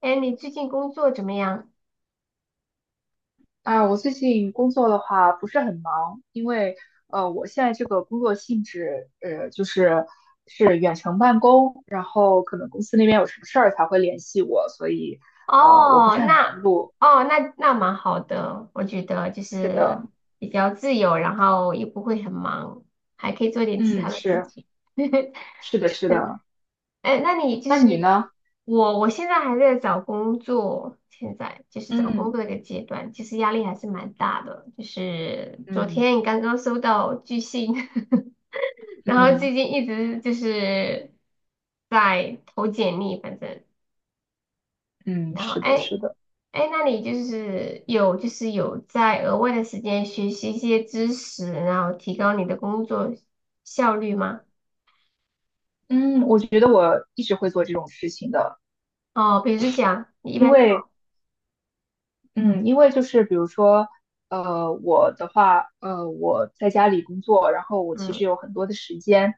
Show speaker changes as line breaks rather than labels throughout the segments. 哎，你最近工作怎么样？
啊，我最近工作的话不是很忙，因为我现在这个工作性质，就是是远程办公，然后可能公司那边有什么事儿才会联系我，所以我不
哦，
是很
那
忙碌。
哦，那蛮好的，我觉得就
是
是
的，
比较自由，然后也不会很忙，还可以做点其他
嗯，
的事
是
情。
是的，是的。
哎，那你就
那
是
你呢？
我现在还在找工作，现在就是找工
嗯
作的一个阶段，其实压力还是蛮大的。就是昨
嗯
天刚刚收到拒信，然后
嗯
最近一直就是在投简历，反正。
嗯，
然后，
是的，
哎，
是的。
哎，那你就是有在额外的时间学习一些知识，然后提高你的工作效率吗？
嗯，我觉得我一直会做这种事情的，
哦，比如讲，你一
因
般
为
做，
嗯，因为就是比如说，我的话，我在家里工作，然后我其
嗯，
实有很多的时间，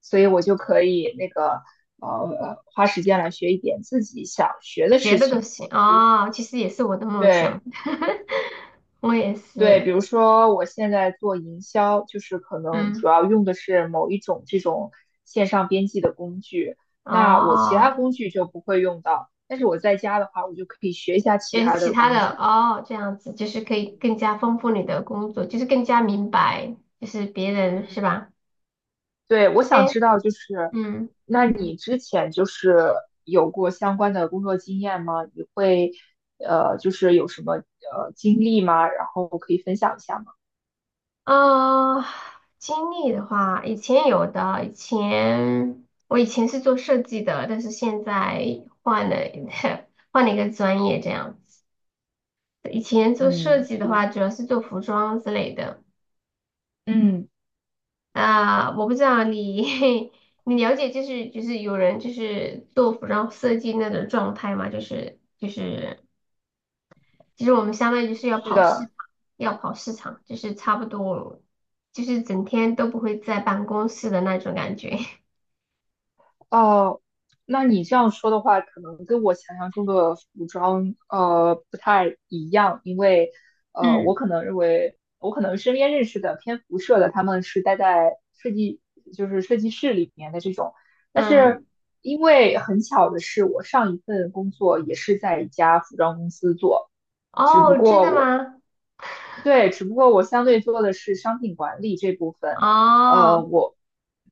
所以我就可以那个，花时间来学一点自己想学的
学
事
的都
情。
行哦，其实也是我的梦
对
想，我也
对，
是，
比如说我现在做营销，就是可能
嗯，
主要用的是某一种这种线上编辑的工具，那我其他
哦，
工具就不会用到，但是我在家的话，我就可以学一下其
学
他
其
的
他
工
的
具。
哦，这样子就是可以更加丰富你的工作，就是更加明白，就是别人是
嗯
吧？
对，我想
哎，
知道就是，
嗯。
那你之前就是有过相关的工作经验吗？你会就是有什么经历吗？然后可以分享一下吗？
呃，经历的话，以前有的，我以前是做设计的，但是现在换了 换了一个专业这样子。以前做设
嗯，
计的
是
话，
的，
主要是做服装之类的。
嗯，
啊、我不知道你 你了解就是有人就是做服装设计那种状态吗？就是其实我们相当于就是要
是
跑市
的，
场要跑市场，就是差不多就是整天都不会在办公室的那种感觉。
哦，那你这样说的话，可能跟我想象中的服装不太一样，因为我
嗯
可能认为我可能身边认识的偏服设的，他们是待在设计设计室里面的这种，但是
嗯，
因为很巧的是，我上一份工作也是在一家服装公司做，只不
哦，真的
过。
吗？
对，只不过我相对做的是商品管理这部分，
哦
呃，我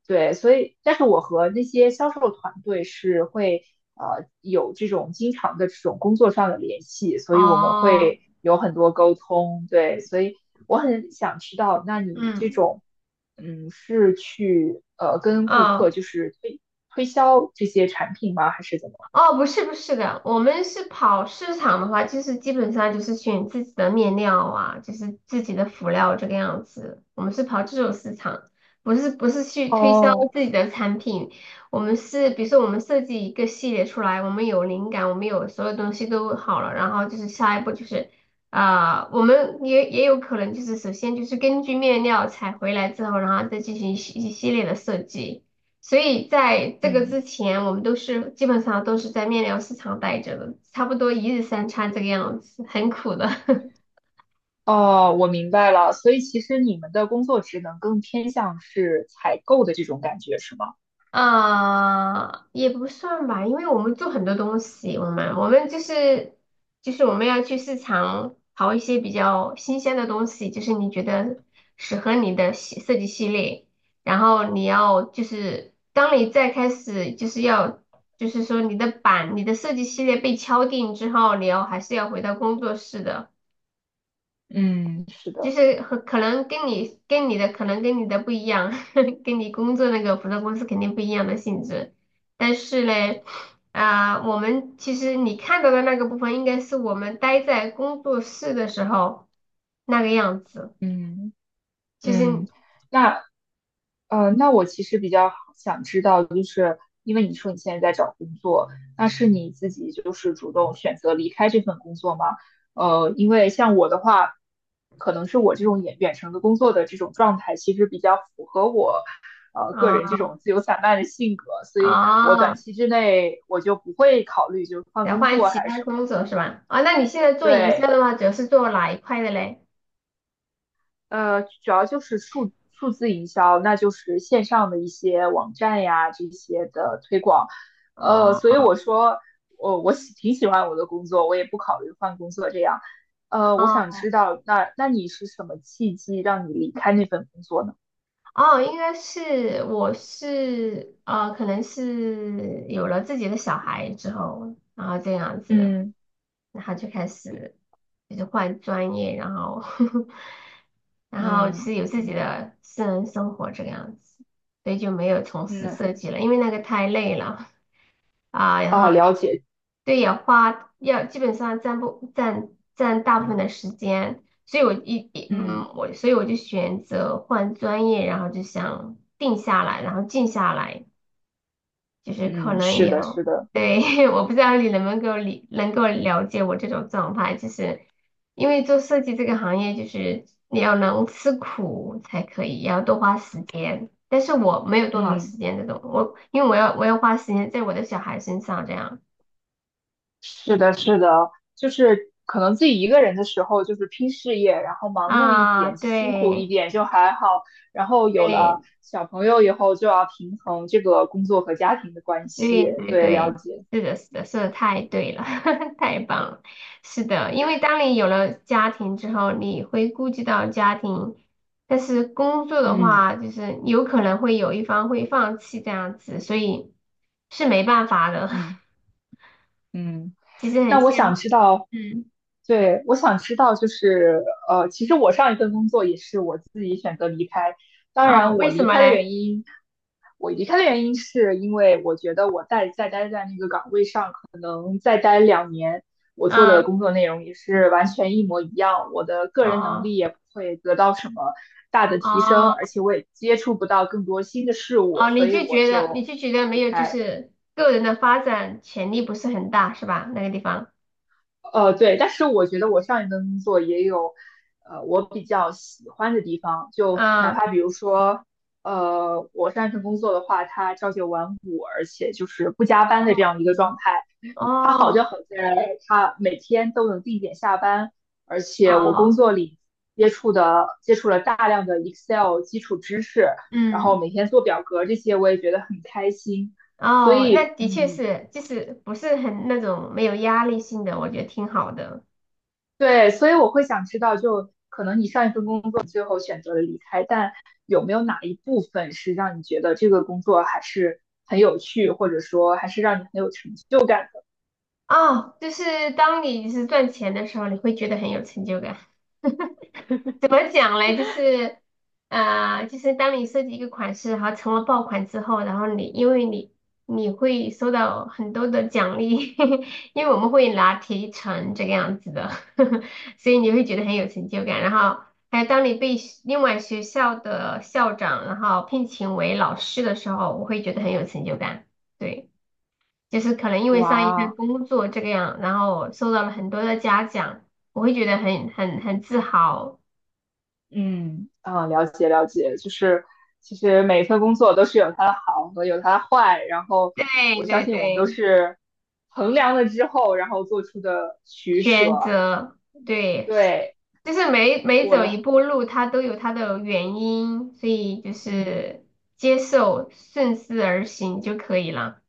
对，所以但是我和那些销售团队是会有这种经常的这种工作上的联系，所以我们
哦，
会有很多沟通，对，所以我很想知道，那你这
嗯，
种嗯是去跟顾客
哦，
就是推销这些产品吗，还是怎么？
哦，不是的，我们是跑市场的话，就是基本上就是选自己的面料啊，就是自己的辅料这个样子。我们是跑这种市场，不是去推销
哦。
自己的产品。我们是比如说我们设计一个系列出来，我们有灵感，我们有所有东西都好了，然后就是下一步就是啊、我们也有可能就是首先就是根据面料采回来之后，然后再进行一系列的设计。所以在这个
嗯
之前，我们都是基本上都是在面料市场待着的，差不多一日三餐这个样子，很苦的。
哦，我明白了。所以其实你们的工作职能更偏向是采购的这种感觉，是吗？
啊、也不算吧，因为我们做很多东西，我们就是就是我们要去市场淘一些比较新鲜的东西，就是你觉得适合你的系设计系列，然后你要就是当你再开始就是要就是说你的版你的设计系列被敲定之后，你要还是要回到工作室的。
嗯，是
就
的，
是和可能跟你的不一样，跟你工作那个服装公司肯定不一样的性质。但是嘞，啊、我们其实你看到的那个部分，应该是我们待在工作室的时候那个样子。
嗯
其实
嗯。那那我其实比较想知道，就是因为你说你现在在找工作，那是你自己就是主动选择离开这份工作吗？因为像我的话，可能是我这种远程的工作的这种状态，其实比较符合我个人这
啊
种自由散漫的性格，所以我
啊，
短
哦
期之内我就不会考虑就是换
得
工
换
作
其
还是
他
什么。
工作是吧？啊，那你现在做营销
对，
的话，主要是做哪一块的嘞？
主要就是数字营销，那就是线上的一些网站呀这些的推广。所以
哦
我说我挺喜欢我的工作，我也不考虑换工作这样。我想
哦。
知道，那你是什么契机让你离开那份工作呢？
哦，应该是可能是有了自己的小孩之后，然后这样子的，
嗯
然后就开始就是换专业，然后 然后
嗯
是有自己
嗯嗯
的私人生活这个样子，所以就没有从
嗯
事设计了，因为那个太累了啊，然后。
啊，了解，
对，养花要基本上占不占占大部分的时间，所以我一一
嗯
嗯，我所以我就选择换专业，然后就想定下来，然后静下来，就是可
嗯，
能
是的，
有，
是的，
对，我不知道你能不能够理能够了解我这种状态，就是因为做设计这个行业，就是你要能吃苦才可以，也要多花时间，但是我没有多少时
嗯。
间这种，我因为我要花时间在我的小孩身上这样。
是的，是的，就是可能自己一个人的时候，就是拼事业，然后忙碌一
啊，
点，辛苦一
对，
点就还好。然后有了
对
小朋友以后，就要平衡这个工作和家庭的关系。
对对
对，了
对，
解。
是的，是的，说的太对了，太棒了。是的，因为当你有了家庭之后，你会顾及到家庭，但是工作的
嗯
话，就是有可能会有一方会放弃这样子，所以是没办法的。
嗯 嗯。
其实很
那我
羡
想
慕，
知道，
嗯，
对，我想知道，就是其实我上一份工作也是我自己选择离开。当
哦，
然，我
为什
离
么
开的
嘞？
原因，我离开的原因是因为我觉得我再待在那个岗位上。再待2年，我做的
嗯，
工作内容也是完全一模一样，我的个人能
哦
力也不会得到什么大的提升，
哦
而且我也接触不到更多新的事物，
哦，
所
你
以
就
我
觉得你
就
就觉得
离
没有，就
开。
是个人的发展潜力不是很大，是吧？那个地方，
对，但是我觉得我上一份工作也有，我比较喜欢的地方，就哪
嗯。
怕比如说，我上一份工作的话，它朝九晚五，而且就是不加班的这
哦
样一个状态。他好
哦
就好在他每天都能定点下班，而且我工
哦，
作里接触了大量的 Excel 基础知识，然后
嗯，
每天做表格这些，我也觉得很开心。所
哦，那
以，
的确
嗯，
是，就是不是很那种没有压力性的，我觉得挺好的。
对，所以我会想知道，就可能你上一份工作最后选择了离开，但有没有哪一部分是让你觉得这个工作还是很有趣，或者说还是让你很有成就感？
哦，就是当你就是赚钱的时候，你会觉得很有成就感。怎么讲嘞？就是，就是当你设计一个款式，然后成了爆款之后，然后因为你你会收到很多的奖励，因为我们会拿提成这个样子的，所以你会觉得很有成就感。然后还有当你被学另外学校的校长然后聘请为老师的时候，我会觉得很有成就感。对，就是可能因为上一份
哇，
工作这个样，然后受到了很多的嘉奖，我会觉得很自豪。
嗯，啊，了解，就是其实每一份工作都是有它的好和有它的坏，然后我
对
相
对
信我们都
对，
是衡量了之后，然后做出的取舍。
选择，对，
对，
就是每每
我
走一
的，
步路，它都有它的原因，所以就
嗯，
是接受，顺势而行就可以了，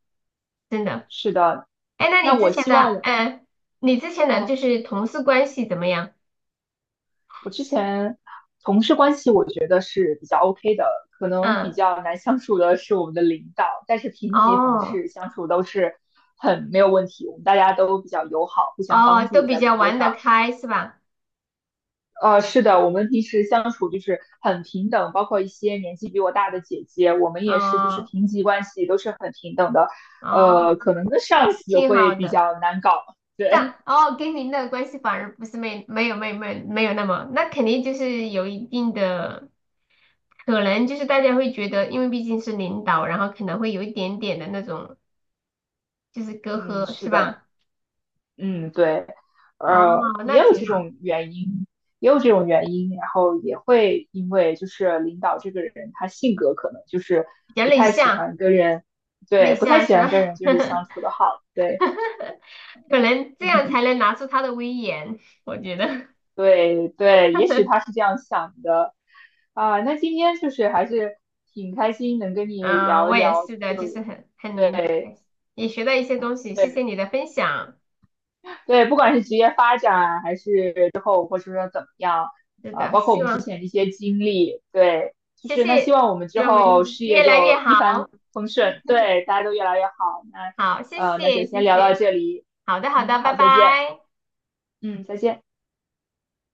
真的。
是的。
哎，那
那
你之
我
前
希望
的，
我，
嗯，你之前的就
哦，
是同事关系怎么样？
我之前同事关系我觉得是比较 OK 的，可能比
嗯，
较难相处的是我们的领导，但是平级同
哦
事相处都是很没有问题，我们大家都比较友好，互相
哦，
帮
都
助
比
在
较
工作
玩得
上。
开是吧？
是的，我们平时相处就是很平等，包括一些年纪比我大的姐姐，我们也是就是
哦
平级关系，都是很平等的。
哦，
可能跟上司
挺
会
好
比
的。
较难搞，
但
对，
哦，跟您的关系反而不是没没有没有没有没有那么，那肯定就是有一定的。可能就是大家会觉得，因为毕竟是领导，然后可能会有一点点的那种就是隔
嗯，
阂，
是
是
的，
吧？
嗯，对，
哦，那
也有
挺
这
好，
种原因，也有这种原因，然后也会因为就是领导这个人他性格可能就是
比较
不
内
太喜
向，
欢跟人，
内
对，不太
向
喜
是吧？
欢跟人就是相 处的好，对，
可能这样才 能拿出他的威严，我觉得。
对对，也许他是这样想的啊。那今天就是还是挺开心能跟你
嗯，
聊
我
一
也
聊，就
是的，就是
是
很
对
开心，也学到一些东西，谢谢
对
你的分享。
对，不管是职业发展还是之后或者说怎么样，
是
啊，
的，
包括我
希
们之
望
前的一些经历，对，就
谢
是那希
谢，
望我们
希
之
望没
后
好
事业
越来越
就一帆
好。
风顺，对，大家都越来越好。那
好，谢
那就
谢谢
先聊到
谢，
这里，
好的好
嗯，
的，拜
好，再见，
拜。
嗯，再见。